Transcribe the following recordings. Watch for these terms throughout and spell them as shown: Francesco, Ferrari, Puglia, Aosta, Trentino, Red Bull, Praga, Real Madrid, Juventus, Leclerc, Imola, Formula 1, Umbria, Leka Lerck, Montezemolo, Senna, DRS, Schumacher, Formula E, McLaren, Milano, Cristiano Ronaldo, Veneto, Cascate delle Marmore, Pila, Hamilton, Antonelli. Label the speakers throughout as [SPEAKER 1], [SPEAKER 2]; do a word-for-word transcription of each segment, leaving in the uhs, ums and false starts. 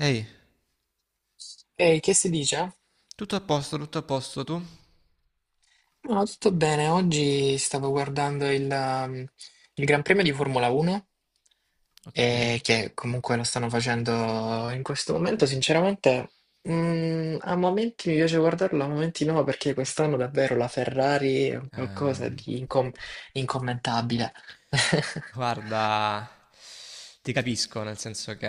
[SPEAKER 1] Ehi,
[SPEAKER 2] Ehi, che si dice?
[SPEAKER 1] tutto a posto, tutto a posto tu?
[SPEAKER 2] No, tutto bene. Oggi stavo guardando il, um, il Gran Premio di Formula uno,
[SPEAKER 1] Ok.
[SPEAKER 2] e che comunque lo stanno facendo in questo momento. Sinceramente, mm, a momenti mi piace guardarlo, a momenti no, perché quest'anno davvero la Ferrari è un qualcosa
[SPEAKER 1] Ehm,
[SPEAKER 2] di incom- incommentabile.
[SPEAKER 1] guarda, ti capisco, nel senso che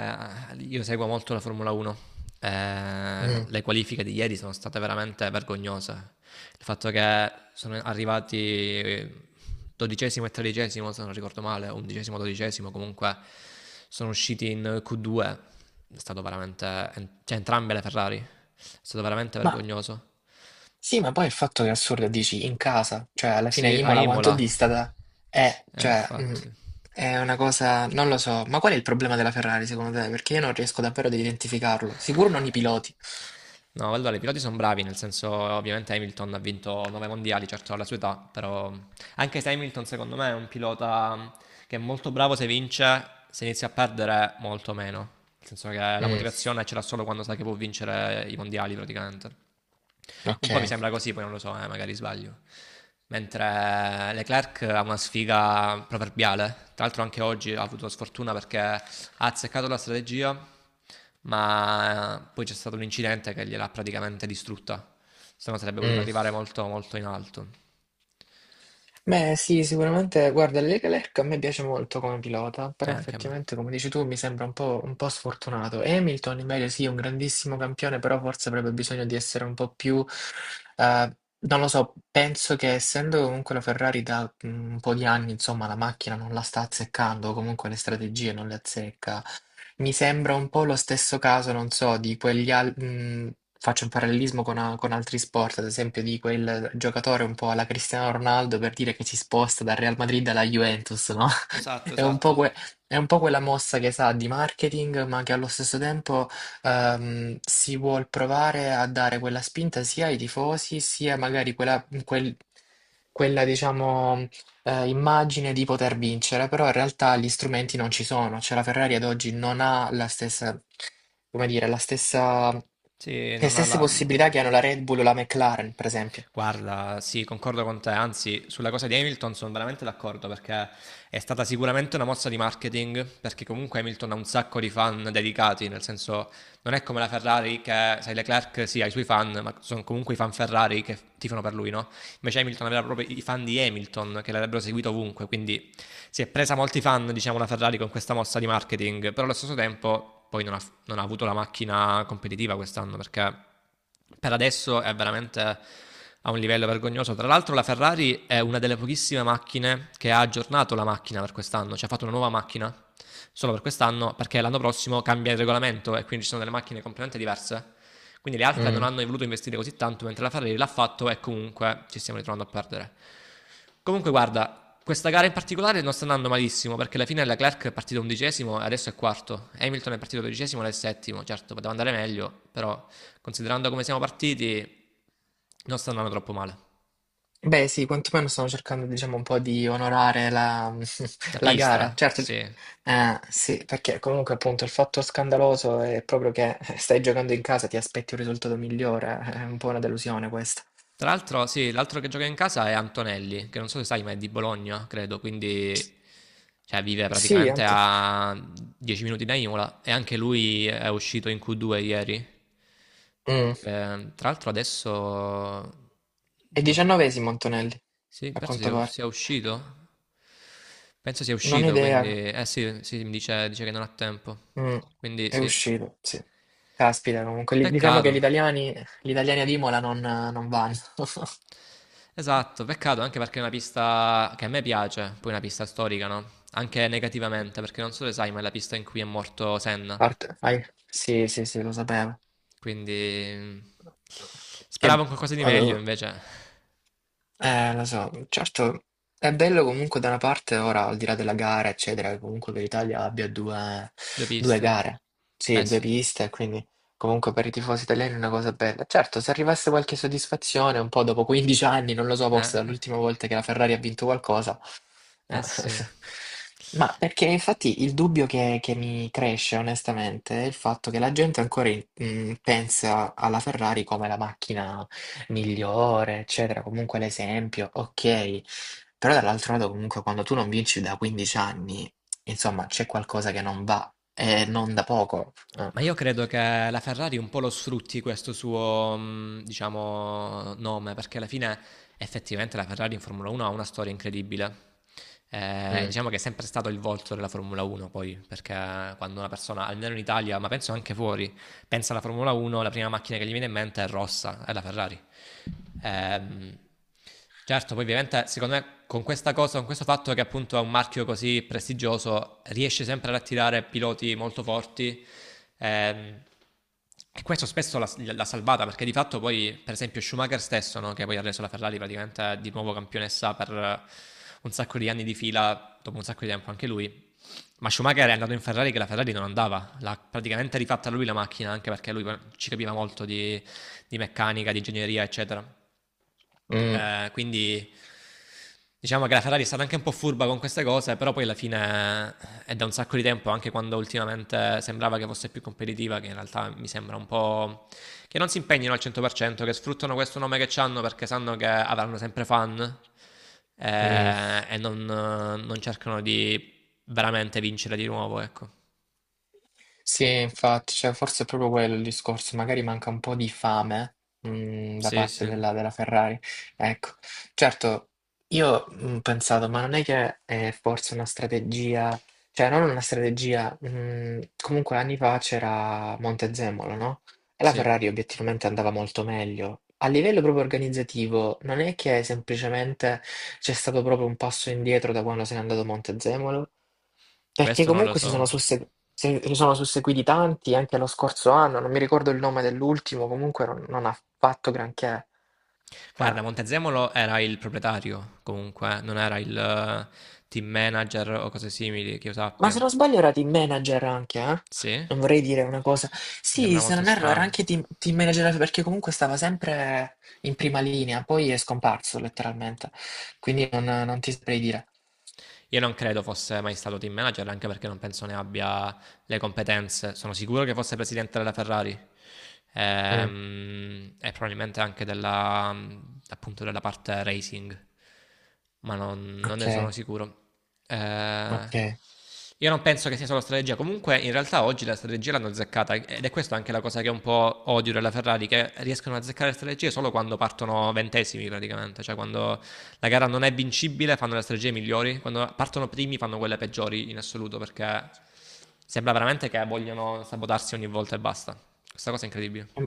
[SPEAKER 1] eh, io seguo molto la Formula uno. Eh,
[SPEAKER 2] Mm.
[SPEAKER 1] le qualifiche di ieri sono state veramente vergognose. Il fatto che sono arrivati eh, dodicesimo e tredicesimo, se non ricordo male, undicesimo, dodicesimo, comunque sono usciti in Q due. È stato veramente, cioè entrambe le Ferrari, è stato veramente
[SPEAKER 2] Ma
[SPEAKER 1] vergognoso.
[SPEAKER 2] Sì, ma poi il fatto che è assurdo, dici in casa, cioè alla fine
[SPEAKER 1] Sì, a
[SPEAKER 2] Imola quanto
[SPEAKER 1] Imola.
[SPEAKER 2] distata è,
[SPEAKER 1] Eh,
[SPEAKER 2] cioè mm,
[SPEAKER 1] infatti.
[SPEAKER 2] è una cosa, non lo so, ma qual è il problema della Ferrari secondo te? Perché io non riesco davvero ad identificarlo, sicuro non i piloti.
[SPEAKER 1] No, allora i piloti sono bravi, nel senso ovviamente Hamilton ha vinto nove mondiali, certo alla sua età, però anche se Hamilton secondo me è un pilota che è molto bravo se vince, se inizia a perdere molto meno, nel senso che la
[SPEAKER 2] Mm,
[SPEAKER 1] motivazione ce l'ha solo quando sa che può vincere i mondiali praticamente.
[SPEAKER 2] ok.
[SPEAKER 1] Un po' mi sembra così, poi non lo so, eh, magari sbaglio. Mentre Leclerc ha una sfiga proverbiale, tra l'altro anche oggi ha avuto sfortuna perché ha azzeccato la strategia, ma eh, poi c'è stato l'incidente che gliel'ha praticamente distrutta. Se no sarebbe voluto
[SPEAKER 2] Mm.
[SPEAKER 1] arrivare molto, molto in alto.
[SPEAKER 2] Beh, sì, sicuramente, guarda, Leka Lerck a me piace molto come pilota,
[SPEAKER 1] E
[SPEAKER 2] però
[SPEAKER 1] anche a me.
[SPEAKER 2] effettivamente, come dici tu, mi sembra un po', un po' sfortunato. Hamilton, invece, sì, è un grandissimo campione, però forse avrebbe bisogno di essere un po' più, eh, non lo so, penso che essendo comunque la Ferrari da mm, un po' di anni, insomma, la macchina non la sta azzeccando, o comunque le strategie non le azzecca. Mi sembra un po' lo stesso caso, non so, di quegli al- mh, faccio un parallelismo con, a- con altri sport, ad esempio di quel giocatore un po' alla Cristiano Ronaldo per dire che si sposta dal Real Madrid alla Juventus, no?
[SPEAKER 1] Esatto,
[SPEAKER 2] È un po',
[SPEAKER 1] esatto.
[SPEAKER 2] que- è un po' quella mossa che sa di marketing, ma che allo stesso tempo ehm, si vuol provare a dare quella spinta sia ai tifosi, sia magari quella, quel- quella, diciamo, eh, immagine di poter vincere, però in realtà gli strumenti non ci sono, cioè la Ferrari ad oggi non ha la stessa, come dire, la stessa,
[SPEAKER 1] Sì,
[SPEAKER 2] le
[SPEAKER 1] non ha
[SPEAKER 2] stesse
[SPEAKER 1] la...
[SPEAKER 2] possibilità che hanno la Red Bull o la McLaren, per esempio.
[SPEAKER 1] Guarda, sì, concordo con te, anzi, sulla cosa di Hamilton sono veramente d'accordo perché è stata sicuramente una mossa di marketing, perché comunque Hamilton ha un sacco di fan dedicati, nel senso non è come la Ferrari che, sai, Leclerc sì, ha i suoi fan, ma sono comunque i fan Ferrari che tifano per lui, no? Invece Hamilton aveva proprio i fan di Hamilton che l'avrebbero seguito ovunque, quindi si è presa molti fan, diciamo, la Ferrari con questa mossa di marketing, però allo stesso tempo poi non ha non ha avuto la macchina competitiva quest'anno perché per adesso è veramente a un livello vergognoso. Tra l'altro la Ferrari è una delle pochissime macchine che ha aggiornato la macchina per quest'anno, cioè ha fatto una nuova macchina solo per quest'anno perché l'anno prossimo cambia il regolamento e quindi ci sono delle macchine completamente diverse. Quindi le altre non
[SPEAKER 2] Mm.
[SPEAKER 1] hanno voluto investire così tanto, mentre la Ferrari l'ha fatto e comunque ci stiamo ritrovando a perdere. Comunque, guarda, questa gara in particolare non sta andando malissimo perché alla fine Leclerc è partito undicesimo e adesso è quarto. Hamilton è partito dodicesimo ed è settimo. Certo, poteva andare meglio, però considerando come siamo partiti, non sta andando troppo male.
[SPEAKER 2] Beh, sì, quantomeno stanno cercando, diciamo, un po' di onorare la,
[SPEAKER 1] La
[SPEAKER 2] la gara.
[SPEAKER 1] pista,
[SPEAKER 2] Certo,
[SPEAKER 1] sì.
[SPEAKER 2] eh, sì, perché comunque appunto il fatto scandaloso è proprio che eh, stai giocando in casa, ti aspetti un risultato migliore, è un po' una delusione questa.
[SPEAKER 1] Tra l'altro, sì, l'altro che gioca in casa è Antonelli, che non so se sai, ma è di Bologna, credo, quindi cioè, vive
[SPEAKER 2] Sì,
[SPEAKER 1] praticamente
[SPEAKER 2] ante-
[SPEAKER 1] a dieci minuti da Imola e anche lui è uscito in Q due ieri.
[SPEAKER 2] Mm.
[SPEAKER 1] Eh, tra l'altro adesso...
[SPEAKER 2] È
[SPEAKER 1] non-
[SPEAKER 2] diciannovesimo Antonelli,
[SPEAKER 1] Sì,
[SPEAKER 2] a
[SPEAKER 1] penso
[SPEAKER 2] quanto
[SPEAKER 1] sia,
[SPEAKER 2] pare.
[SPEAKER 1] sia uscito. Penso sia
[SPEAKER 2] Non ho
[SPEAKER 1] uscito,
[SPEAKER 2] idea.
[SPEAKER 1] quindi... Eh sì, sì, mi dice, dice che non ha tempo.
[SPEAKER 2] Mm,
[SPEAKER 1] Quindi
[SPEAKER 2] è
[SPEAKER 1] sì.
[SPEAKER 2] uscito, sì. Caspita, comunque, li- diciamo che gli
[SPEAKER 1] Peccato.
[SPEAKER 2] italiani, gli italiani ad Imola non, non vanno.
[SPEAKER 1] Esatto, peccato anche perché è una pista che a me piace, poi è una pista storica, no? Anche negativamente, perché non so se sai, ma è la pista in cui è morto Senna.
[SPEAKER 2] Parte- fai- Sì, sì, sì, lo sapevo.
[SPEAKER 1] Quindi mm,
[SPEAKER 2] Che,
[SPEAKER 1] speravo in qualcosa di meglio,
[SPEAKER 2] avevo-
[SPEAKER 1] invece
[SPEAKER 2] Eh, lo so, certo, è bello comunque da una parte, ora al di là della gara, eccetera, che comunque che l'Italia abbia due,
[SPEAKER 1] due
[SPEAKER 2] due
[SPEAKER 1] piste.
[SPEAKER 2] gare,
[SPEAKER 1] Beh
[SPEAKER 2] sì, due
[SPEAKER 1] sì,
[SPEAKER 2] piste, quindi comunque per i tifosi italiani è una cosa bella. Certo, se arrivasse qualche soddisfazione, un po' dopo quindici anni, non lo so, forse
[SPEAKER 1] eh,
[SPEAKER 2] dall'ultima volta che la Ferrari ha vinto qualcosa, eh,
[SPEAKER 1] eh sì.
[SPEAKER 2] Ma perché infatti il dubbio che, che mi cresce onestamente è il fatto che la gente ancora in- mh, pensa alla Ferrari come la macchina migliore, eccetera, comunque l'esempio, ok. Però dall'altro lato comunque quando tu non vinci da quindici anni, insomma, c'è qualcosa che non va e non da poco. Eh,
[SPEAKER 1] Ma io credo che la Ferrari un po' lo sfrutti questo suo, mh, diciamo, nome, perché alla fine effettivamente la Ferrari in Formula uno ha una storia incredibile. Eh,
[SPEAKER 2] mm,
[SPEAKER 1] diciamo che è sempre stato il volto della Formula uno, poi, perché quando una persona, almeno in Italia, ma penso anche fuori, pensa alla Formula uno, la prima macchina che gli viene in mente è rossa, è la Ferrari. Ehm, certo, poi ovviamente secondo me con questa cosa, con questo fatto che appunto è un marchio così prestigioso, riesce sempre ad attirare piloti molto forti. ehm, e questo spesso l'ha, l'ha salvata perché di fatto poi, per esempio, Schumacher stesso, no, che poi ha reso la Ferrari praticamente di nuovo campionessa per eh, un sacco di anni di fila, dopo un sacco di tempo anche lui, ma Schumacher è andato in Ferrari che la Ferrari non andava, l'ha praticamente rifatta lui la macchina, anche perché lui ci capiva molto di, di, meccanica, di ingegneria, eccetera.
[SPEAKER 2] mm,
[SPEAKER 1] Eh, quindi diciamo che la Ferrari è stata anche un po' furba con queste cose, però poi alla fine è da un sacco di tempo, anche quando ultimamente sembrava che fosse più competitiva, che in realtà mi sembra un po' che non si impegnino al cento per cento, che sfruttano questo nome che hanno perché sanno che avranno sempre fan
[SPEAKER 2] mm.
[SPEAKER 1] eh, e non, non cercano di veramente vincere di nuovo, ecco.
[SPEAKER 2] Sì, infatti, cioè, forse è proprio quello il discorso, magari manca un po' di fame, mm, da
[SPEAKER 1] Sì, sì,
[SPEAKER 2] parte della, della Ferrari. Ecco, certo, io mm, ho pensato, ma non è che è forse una strategia, cioè non una strategia, mm, comunque anni fa c'era Montezemolo, no? E la
[SPEAKER 1] sì.
[SPEAKER 2] Ferrari obiettivamente andava molto meglio. A livello proprio organizzativo, non è che semplicemente c'è stato proprio un passo indietro da quando se n'è andato Montezemolo? Perché
[SPEAKER 1] Questo non lo
[SPEAKER 2] comunque si
[SPEAKER 1] so.
[SPEAKER 2] sono, susse- se- si sono susseguiti tanti anche lo scorso anno, non mi ricordo il nome dell'ultimo, comunque non, non ha fatto granché. Cioè,
[SPEAKER 1] Guarda, Montezemolo era il proprietario, comunque, non era il eh, team manager o cose simili, che io
[SPEAKER 2] Ma se
[SPEAKER 1] sappia.
[SPEAKER 2] non sbaglio era team manager anche, eh?
[SPEAKER 1] Sì? Mi
[SPEAKER 2] Non vorrei dire una cosa. Sì,
[SPEAKER 1] sembra
[SPEAKER 2] se
[SPEAKER 1] molto
[SPEAKER 2] non erro era
[SPEAKER 1] strano.
[SPEAKER 2] anche team, team manager perché comunque stava sempre in prima linea, poi è scomparso letteralmente. Quindi non, non ti saprei dire.
[SPEAKER 1] Io non credo fosse mai stato team manager, anche perché non penso ne abbia le competenze. Sono sicuro che fosse presidente della Ferrari
[SPEAKER 2] Mm,
[SPEAKER 1] ehm, e probabilmente anche della, appunto della parte racing, ma non, non
[SPEAKER 2] ok,
[SPEAKER 1] ne sono sicuro. Eh,
[SPEAKER 2] ok. È
[SPEAKER 1] io non penso che sia solo strategia, comunque in realtà oggi la strategia l'hanno azzeccata ed è questa anche la cosa che un po' odio della Ferrari, che riescono a azzeccare le strategie solo quando partono ventesimi praticamente, cioè quando la gara non è vincibile, fanno le strategie migliori. Quando partono primi fanno quelle peggiori in assoluto perché sembra veramente che vogliono sabotarsi ogni volta e basta. Questa cosa è incredibile.
[SPEAKER 2] un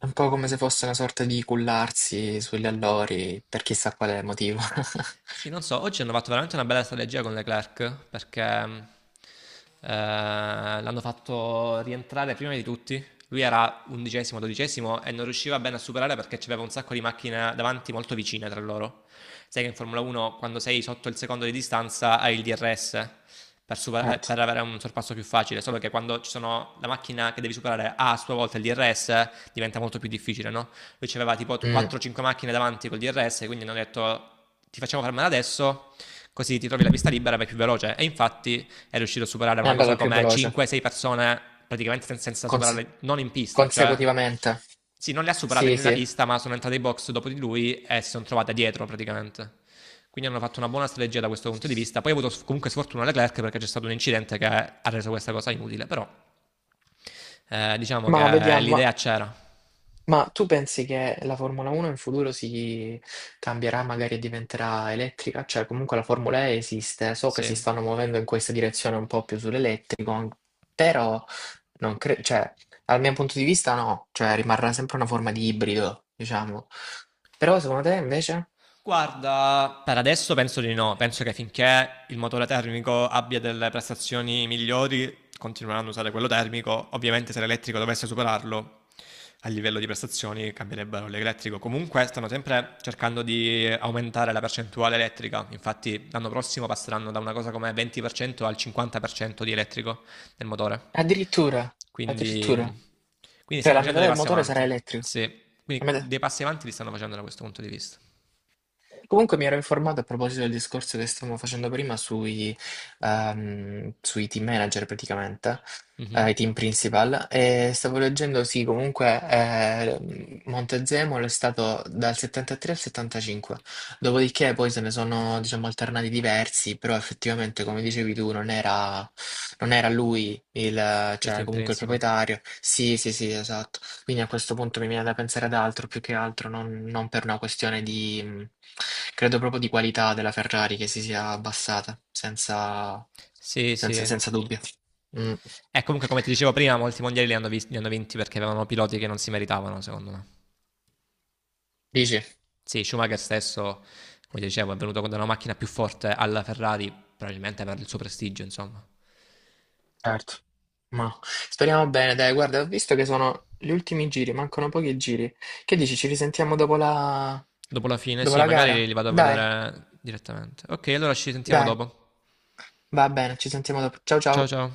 [SPEAKER 2] è un po' come se fosse una sorta di cullarsi sugli allori per chissà quale motivo.
[SPEAKER 1] Sì, non so, oggi hanno fatto veramente una bella strategia con Leclerc perché eh, l'hanno fatto rientrare prima di tutti. Lui era undicesimo, dodicesimo e non riusciva bene a superare perché c'aveva un sacco di macchine davanti molto vicine tra loro. Sai che in Formula uno quando sei sotto il secondo di distanza hai il D R S per, superare-
[SPEAKER 2] Certo.
[SPEAKER 1] per avere un sorpasso più facile, solo che quando ci sono la macchina che devi superare ha a sua volta il D R S diventa molto più difficile, no? Lui c'aveva tipo
[SPEAKER 2] Mm,
[SPEAKER 1] quattro o cinque macchine davanti col D R S, quindi hanno detto ti facciamo fermare adesso, così ti trovi la pista libera, vai più veloce. E infatti è riuscito a superare
[SPEAKER 2] è
[SPEAKER 1] una
[SPEAKER 2] andato
[SPEAKER 1] cosa
[SPEAKER 2] più
[SPEAKER 1] come
[SPEAKER 2] veloce,
[SPEAKER 1] cinque sei persone praticamente sen- senza
[SPEAKER 2] Conse-
[SPEAKER 1] superare, non in pista, cioè...
[SPEAKER 2] consecutivamente.
[SPEAKER 1] Sì, non le ha superate
[SPEAKER 2] Sì,
[SPEAKER 1] nella
[SPEAKER 2] sì.
[SPEAKER 1] pista, ma sono entrate in box dopo di lui e si sono trovate dietro praticamente. Quindi hanno fatto una buona strategia da questo punto di vista. Poi ha avuto s- comunque sfortuna Leclerc perché c'è stato un incidente che ha reso questa cosa inutile, però eh, diciamo
[SPEAKER 2] Ma
[SPEAKER 1] che
[SPEAKER 2] vediamo.
[SPEAKER 1] l'idea c'era.
[SPEAKER 2] Ma tu pensi che la Formula uno in futuro si cambierà, magari diventerà elettrica? Cioè, comunque la Formula E esiste, so che
[SPEAKER 1] Sì.
[SPEAKER 2] si stanno muovendo in questa direzione un po' più sull'elettrico, an- però non cre- cioè, dal mio punto di vista no, cioè rimarrà sempre una forma di ibrido, diciamo. Però secondo te invece?
[SPEAKER 1] Guarda, per adesso penso di no. Penso che finché il motore termico abbia delle prestazioni migliori, continueranno a usare quello termico. Ovviamente, se l'elettrico dovesse superarlo a livello di prestazioni, cambierebbero l'elettrico. Comunque, stanno sempre cercando di aumentare la percentuale elettrica. Infatti, l'anno prossimo passeranno da una cosa come venti per cento al cinquanta per cento di elettrico nel motore.
[SPEAKER 2] Addirittura, addirittura.
[SPEAKER 1] Quindi, quindi
[SPEAKER 2] Cioè
[SPEAKER 1] stanno
[SPEAKER 2] la
[SPEAKER 1] facendo
[SPEAKER 2] metà
[SPEAKER 1] dei
[SPEAKER 2] del
[SPEAKER 1] passi
[SPEAKER 2] motore sarà
[SPEAKER 1] avanti.
[SPEAKER 2] elettrico.
[SPEAKER 1] Sì, quindi
[SPEAKER 2] La metà-
[SPEAKER 1] dei passi avanti li stanno facendo da questo punto di vista.
[SPEAKER 2] Comunque mi ero informato a proposito del discorso che stavamo facendo prima sui, ehm, sui team manager praticamente, eh,
[SPEAKER 1] Mhm.
[SPEAKER 2] i team principal, e stavo leggendo, sì, comunque eh, Montezemolo è stato dal settantatré al settantacinque, dopodiché poi se ne sono, diciamo, alternati diversi, però effettivamente, come dicevi tu, non era, non era lui il,
[SPEAKER 1] Il
[SPEAKER 2] cioè
[SPEAKER 1] team
[SPEAKER 2] comunque il
[SPEAKER 1] principal.
[SPEAKER 2] proprietario. Sì, sì, sì, esatto. Quindi a questo punto mi viene da pensare ad altro, più che altro, non, non per una questione di, mh, credo proprio di qualità della Ferrari che si sia abbassata, senza,
[SPEAKER 1] Sì,
[SPEAKER 2] senza,
[SPEAKER 1] sì.
[SPEAKER 2] senza dubbio. Mm.
[SPEAKER 1] E comunque, come ti dicevo prima, molti mondiali li hanno, vis- li hanno vinti perché avevano piloti che non si meritavano, secondo me.
[SPEAKER 2] Dici?
[SPEAKER 1] Sì, Schumacher stesso, come dicevo, è venuto con una macchina più forte alla Ferrari, probabilmente per il suo prestigio, insomma.
[SPEAKER 2] Certo. Ma speriamo bene, dai, guarda, ho visto che sono gli ultimi giri, mancano pochi giri. Che dici, ci risentiamo dopo la,
[SPEAKER 1] Dopo la fine,
[SPEAKER 2] dopo
[SPEAKER 1] sì,
[SPEAKER 2] la
[SPEAKER 1] magari
[SPEAKER 2] gara?
[SPEAKER 1] li vado a
[SPEAKER 2] Dai,
[SPEAKER 1] vedere direttamente. Ok, allora ci sentiamo
[SPEAKER 2] dai,
[SPEAKER 1] dopo.
[SPEAKER 2] va bene, ci sentiamo dopo. Ciao
[SPEAKER 1] Ciao
[SPEAKER 2] ciao.
[SPEAKER 1] ciao.